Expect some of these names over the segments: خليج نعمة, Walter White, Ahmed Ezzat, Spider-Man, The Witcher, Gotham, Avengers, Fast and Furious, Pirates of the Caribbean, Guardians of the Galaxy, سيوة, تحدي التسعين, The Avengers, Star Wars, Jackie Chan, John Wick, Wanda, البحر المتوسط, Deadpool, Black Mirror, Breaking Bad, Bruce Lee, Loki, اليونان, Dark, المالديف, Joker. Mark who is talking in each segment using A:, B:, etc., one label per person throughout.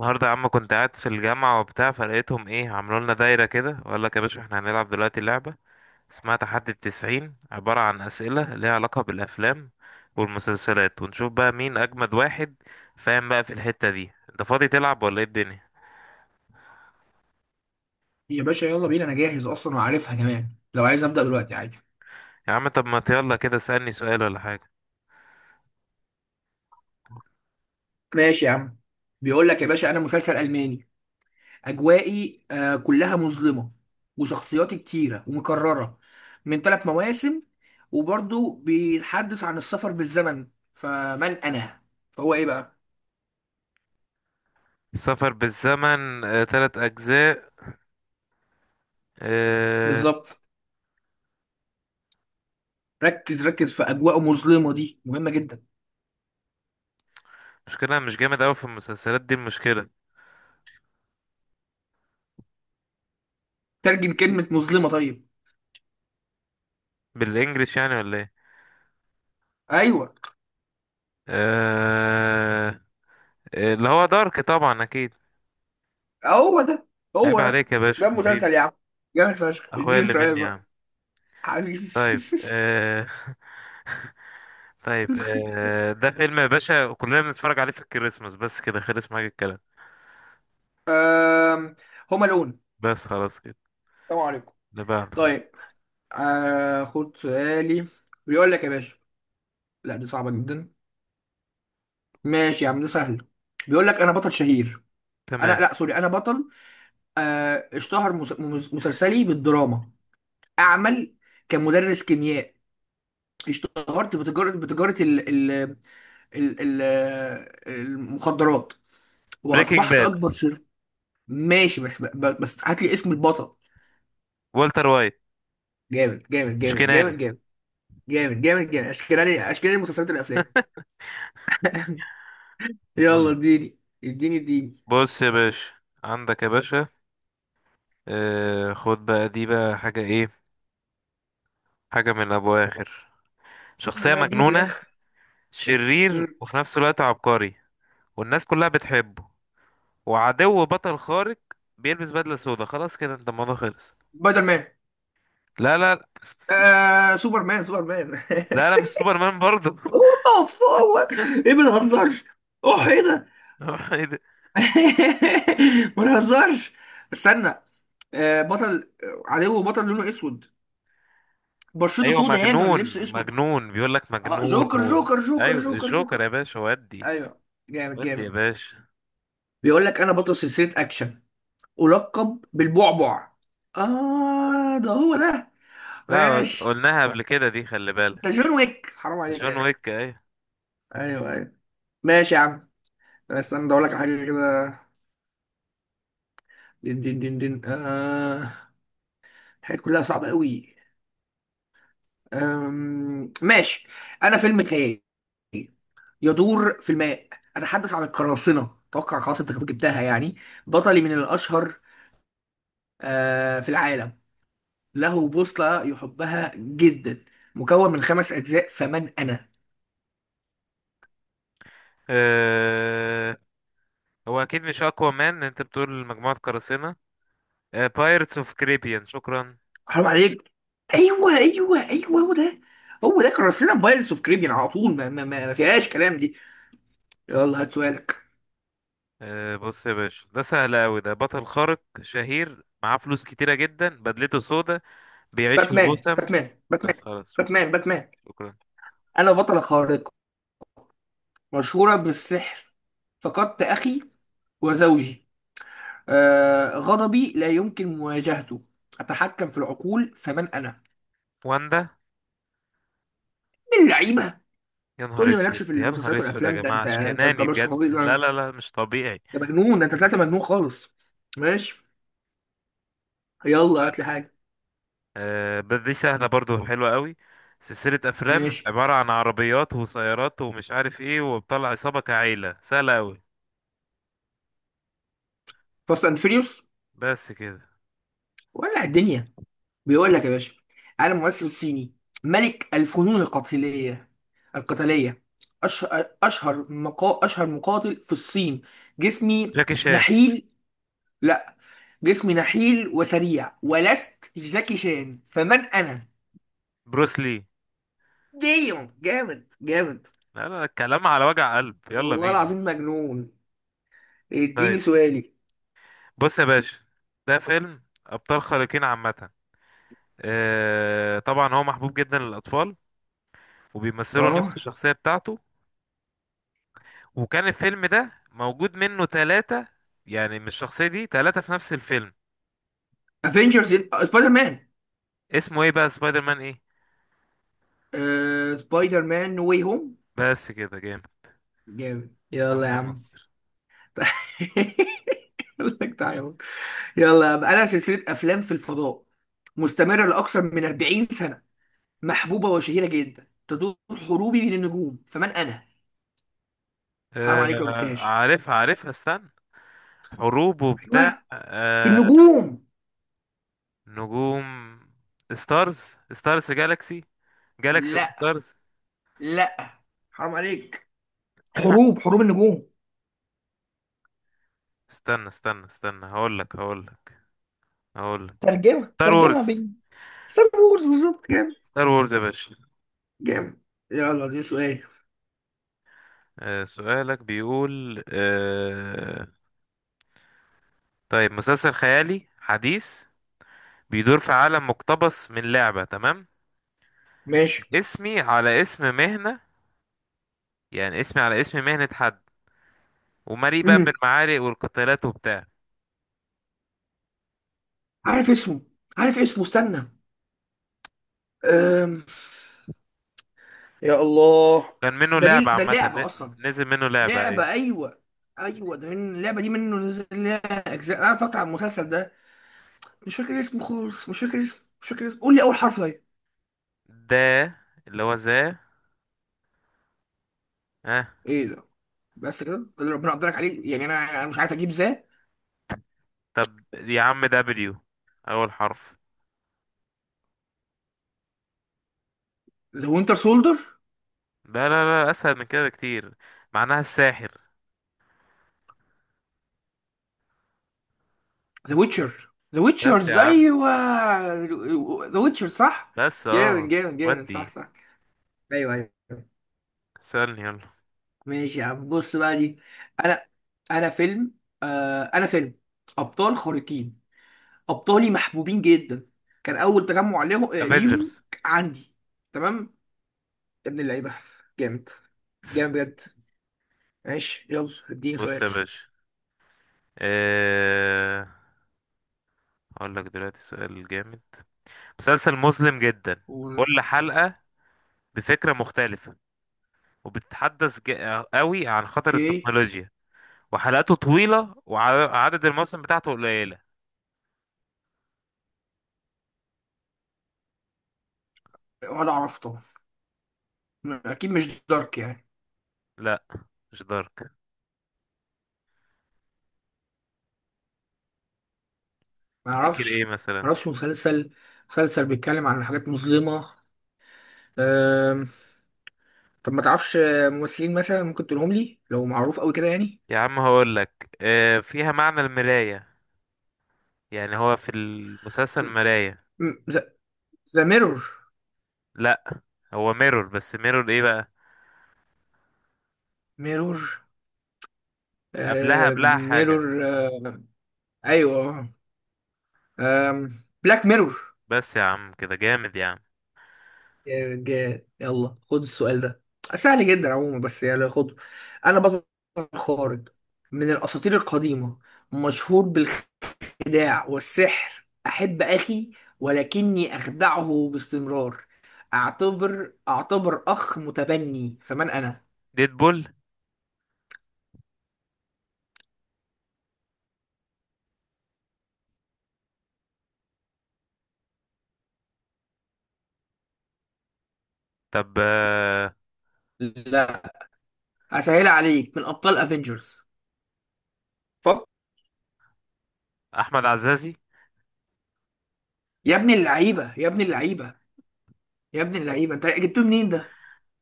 A: النهارده يا عم كنت قاعد في الجامعة وبتاع فلقيتهم ايه. عملوا لنا دايرة كده وقال لك يا باشا احنا هنلعب دلوقتي لعبة اسمها تحدي 90، عبارة عن أسئلة ليها علاقة بالأفلام والمسلسلات، ونشوف بقى مين أجمد واحد. فاهم بقى؟ في الحتة دي انت فاضي تلعب ولا ايه الدنيا؟
B: يا باشا يلا بينا، انا جاهز اصلا وعارفها كمان. لو عايز ابدا دلوقتي عادي.
A: يا عم طب ما يلا كده اسألني سؤال ولا حاجة.
B: ماشي يا عم. بيقول لك يا باشا، انا مسلسل الماني، اجوائي كلها مظلمه، وشخصياتي كتيره ومكرره، من ثلاث مواسم، وبرضه بيتحدث عن السفر بالزمن. فمن انا؟ فهو ايه بقى؟
A: السفر بالزمن، تلات أجزاء. آه،
B: بالظبط. ركز ركز، في اجواء مظلمه دي مهمه جدا.
A: مشكلة مش جامد أوي في المسلسلات دي المشكلة.
B: ترجم كلمه مظلمه طيب.
A: بالإنجليش يعني ولا ايه؟
B: ايوه.
A: آه، اللي هو دارك طبعا أكيد.
B: هو ده،
A: عيب
B: هو ده.
A: عليك يا
B: ده
A: باشا
B: المسلسل
A: حبيبي.
B: يا عم، جامد فشخ.
A: اخويا
B: اديني
A: اللي
B: سؤال
A: مني يا
B: بقى.
A: عم.
B: حبيبي.
A: طيب طيب ده فيلم يا باشا كلنا بنتفرج عليه في الكريسماس، بس كده خلص معاك الكلام.
B: آم، هما لون.
A: بس خلاص كده.
B: السلام عليكم.
A: اللي بعده.
B: طيب. خد سؤالي. بيقول لك يا باشا، لا دي صعبة جدا. ماشي يا عم، ده سهل. بيقول لك انا بطل شهير. انا،
A: تمام.
B: لا سوري، انا بطل. اشتهر مسلسلي بالدراما. اعمل كمدرس كيمياء. اشتهرت بتجارة ال المخدرات،
A: بريكنج
B: واصبحت
A: باد.
B: اكبر شر. ماشي، بس بس هات لي اسم البطل.
A: والتر وايت.
B: جامد جامد جامد
A: شكناني.
B: جامد جامد. جامد جامد جامد، اشكالي اشكالي المسلسلات والافلام.
A: قول
B: يلا
A: لي.
B: اديني اديني اديني.
A: بص يا باشا، عندك يا باشا خد بقى دي بقى حاجة ايه. حاجة من ابو اخر.
B: يلا
A: شخصية
B: بقى ادينا في
A: مجنونة،
B: الاخر.
A: شرير
B: مم.
A: وفي نفس الوقت عبقري، والناس كلها بتحبه، وعدو بطل خارق، بيلبس بدلة سودا. خلاص كده انت الموضوع خلص.
B: سبايدر مان.
A: لا لا لا.
B: سوبرمان سوبرمان.
A: لا لا، مش سوبرمان برضه.
B: اوه. هو ايه؟ ما نهزرش. اوه ايه ده؟
A: ايه ده؟
B: ما نهزرش. استنى. بطل، عدو بطل لونه اسود. بشرته
A: ايوه
B: سودا يعني
A: مجنون
B: ولا لبسه اسود؟
A: مجنون بيقول لك
B: اه
A: مجنون
B: جوكر
A: و...
B: جوكر جوكر
A: ايوه
B: جوكر
A: الجوكر
B: جوكر.
A: يا باشا، ودي.
B: ايوه. جامد
A: ودي يا
B: جامد.
A: باشا،
B: بيقول لك انا بطل سلسله اكشن، ألقب بالبعبع. ده هو ده.
A: لا
B: ماشي.
A: قلناها قبل كده دي خلي
B: ده
A: بالك.
B: جون ويك، حرام عليك يا
A: جون
B: أخي.
A: ويك ايوه.
B: أيوه أيوه. ماشي يا عم. أنا، استنى أقول لك على حاجة كده. دين دين دين دين الحاجات كلها صعبة أوي. ماشي. أنا فيلم خيال، يدور في الماء، أتحدث عن القراصنة. أتوقع خلاص أنت جبتها يعني. بطلي من الأشهر في العالم، له بوصلة يحبها جدا، مكون من خمس أجزاء. فمن أنا؟
A: أه... هو اكيد مش اقوى مان، انت بتقول مجموعة قراصنة. بايرتس اوف كريبيان، شكرا.
B: حرام عليك. ايوه ايوه ايوه، هو ده. هو ده، كرسينا بايرتس اوف كاريبيان على طول. ما فيهاش كلام دي. يلا هات سؤالك.
A: أه بص يا باشا ده سهل قوي. ده بطل خارق شهير معاه فلوس كتيرة جدا، بدلته سودا، بيعيش في
B: باتمان
A: غوثم.
B: باتمان باتمان
A: بس خلاص، شكرا.
B: باتمان باتمان.
A: شكرا.
B: انا بطلة خارقة، مشهورة بالسحر، فقدت اخي وزوجي. غضبي لا يمكن مواجهته، اتحكم في العقول. فمن انا؟
A: واندا.
B: من اللعيبة.
A: يا
B: تقول
A: نهار
B: لي
A: اسود
B: مالكش في
A: يا نهار
B: المسلسلات
A: اسود يا
B: والافلام؟ ده
A: جماعه
B: انت انت
A: اشكناني
B: مش
A: بجد،
B: فظيع، ده
A: لا
B: انت
A: لا لا مش طبيعي.
B: مجنون، ده انت طلعت مجنون خالص. ماشي، يلا هات لي
A: فعلا.
B: حاجة.
A: آه بس دي سهله برضو، حلوه قوي. سلسله افلام
B: ماشي،
A: عباره عن عربيات وسيارات ومش عارف ايه، وبطلع عصابه كعيله، سهله قوي.
B: فاست اند فيريوس،
A: بس كده.
B: ولع الدنيا. بيقول لك يا باشا، انا ممثل صيني، ملك الفنون القتالية. أشهر مقاتل في الصين. جسمي
A: جاكي شان.
B: نحيل. لا، جسمي نحيل وسريع، ولست جاكي شان. فمن أنا؟
A: بروس لي.
B: ديم جامد جامد.
A: لا لا الكلام على وجع قلب، يلا
B: والله
A: بينا.
B: العظيم مجنون. اديني
A: طيب.
B: سؤالي.
A: بص يا باشا، ده فيلم ابطال خارقين عامه. آه طبعا هو محبوب جدا للاطفال، وبيمثلوا نفس
B: اه.
A: الشخصية بتاعته. وكان الفيلم ده موجود منه ثلاثة، يعني من الشخصية دي ثلاثة في نفس الفيلم.
B: افنجرز. سبايدر مان.
A: اسمه ايه بقى؟ سبايدر مان ايه؟
B: سبايدر مان نو واي هوم.
A: بس كده جامد.
B: جامد، يلا يا
A: ألحان
B: عم.
A: مصر.
B: يقول لك تعالى يلا بقى، لها سلسلة أفلام في الفضاء، مستمرة لأكثر من 40 سنة، محبوبة وشهيرة جدا، تدور حروبي من النجوم. فمن أنا؟ حرام
A: آه
B: عليك لو جبتهاش.
A: عارفها عارفها، استنى. حروب وبتاع
B: أيوه، في
A: آه
B: النجوم.
A: نجوم. ستارز. ستارز جالاكسي. جالاكسي اوف
B: لا،
A: ستارز.
B: لا، حرام عليك. حروب النجوم.
A: استنى استنى استنى، هقول لك. ستار
B: ترجمة
A: وورز.
B: بين. ستار وورز بالظبط. جامد
A: ستار وورز يا باشا.
B: جامد. يلا دي سؤال.
A: سؤالك بيقول. طيب مسلسل خيالي حديث، بيدور في عالم مقتبس من لعبة، تمام.
B: ماشي.
A: اسمي على اسم مهنة، يعني اسمي على اسم مهنة حد. ومليء بقى
B: امم.
A: بالمعارك والقتالات وبتاع.
B: عارف اسمه عارف اسمه، استنى. أم. يا الله.
A: كان منه
B: ده
A: لعبة
B: ليه ده
A: عامة،
B: لعبة أصلا؟
A: نزل منه لعبة
B: لعبة،
A: أيوة.
B: أيوة. أيوة ده من اللعبة دي منه نزل لها أجزاء. أنا فاكر على المسلسل ده. مش فاكر اسمه خالص، مش فاكر اسمه مش فاكر اسمه قول لي أول حرف طيب.
A: ده اللي هو ذا. اه.
B: إيه ده؟ بس كده، ده اللي ربنا قدرك عليه يعني. أنا مش عارف أجيب ازاي.
A: طب يا عم، دبليو أول حرف.
B: ذا وينتر سولدر.
A: لا لا لا، أسهل من كده بكتير. معناها الساحر.
B: ذا ويتشر، ذا
A: بس يا
B: ويتشرز،
A: عم.
B: أيوة ذا ويتشر، صح.
A: بس
B: جامد جامد جامد، صح
A: ودي.
B: صح. أيوة أيوة.
A: سألني، يلا.
B: ماشي يا عم، بص بقى دي. أنا أنا فيلم أنا فيلم أبطال خارقين. ابطالي محبوبين جدا. كان اول تجمع ليهم
A: افنجرز.
B: عندي. تمام. يا ابن اللعيبه، جامد، جامد بجد. ماشي، يلا اديني
A: بص
B: سؤال.
A: يا باشا آه... هقول لك دلوقتي سؤال جامد. مسلسل مظلم جدا،
B: قول-
A: كل حلقة بفكرة مختلفة، وبتتحدث قوي عن خطر
B: اوكي.
A: التكنولوجيا. وحلقاته طويلة وعدد المواسم بتاعته قليلة.
B: ولا اعرف طبعا، اكيد مش دارك يعني.
A: لا، مش دارك.
B: ما
A: افتكر ايه
B: اعرفش
A: مثلا؟
B: ما اعرفش. مسلسل بيتكلم عن حاجات مظلمه. أم... طب ما تعرفش ممثلين مثلا ممكن تقولهم لي لو معروف قوي كده يعني؟
A: يا عم هقول لك، آه فيها معنى المراية. يعني هو في المسلسل مراية.
B: ذا ميرور.
A: لا، هو ميرور، بس ميرور ايه بقى؟
B: ميرور،
A: قبلها
B: آه،
A: قبلها حاجة.
B: ميرور، ايوه، بلاك ميرور.
A: بس يا عم كده جامد يا عم.
B: يلا خد السؤال ده، سهل جدا عموما بس يلا خده. انا بطل خارق، من الاساطير القديمه، مشهور بالخداع والسحر. احب اخي ولكني اخدعه باستمرار. اعتبر اخ متبني. فمن انا؟
A: ديدبول. طب،
B: لا، هسهل عليك، من ابطال افنجرز. فك.
A: احمد عزازي.
B: يا ابن اللعيبه، يا ابن اللعيبه، يا ابن اللعيبه، انت جبتوه منين ده؟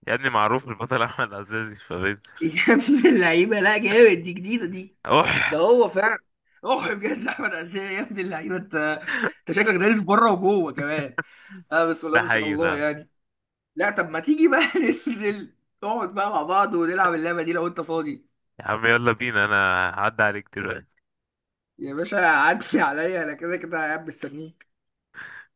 A: يا ابني معروف البطل احمد عزازي في افنجرز.
B: يا ابن اللعيبه، لا جامد دي، جديده دي.
A: اوح.
B: ده هو فعلا. روح بجد، احمد عزيز. يا ابن اللعيبه انت، انت شكلك دارس بره وجوه كمان. اه، بس والله
A: ده
B: ما شاء
A: حقيقي
B: الله
A: فاهم.
B: يعني. لا، طب ما تيجي بقى ننزل، نقعد بقى مع بعض ونلعب اللعبه دي لو انت فاضي.
A: يا عم يلا بينا، انا هعدي عليك دلوقتي.
B: يا باشا عدي عليا، انا كده كده قاعد مستنيك.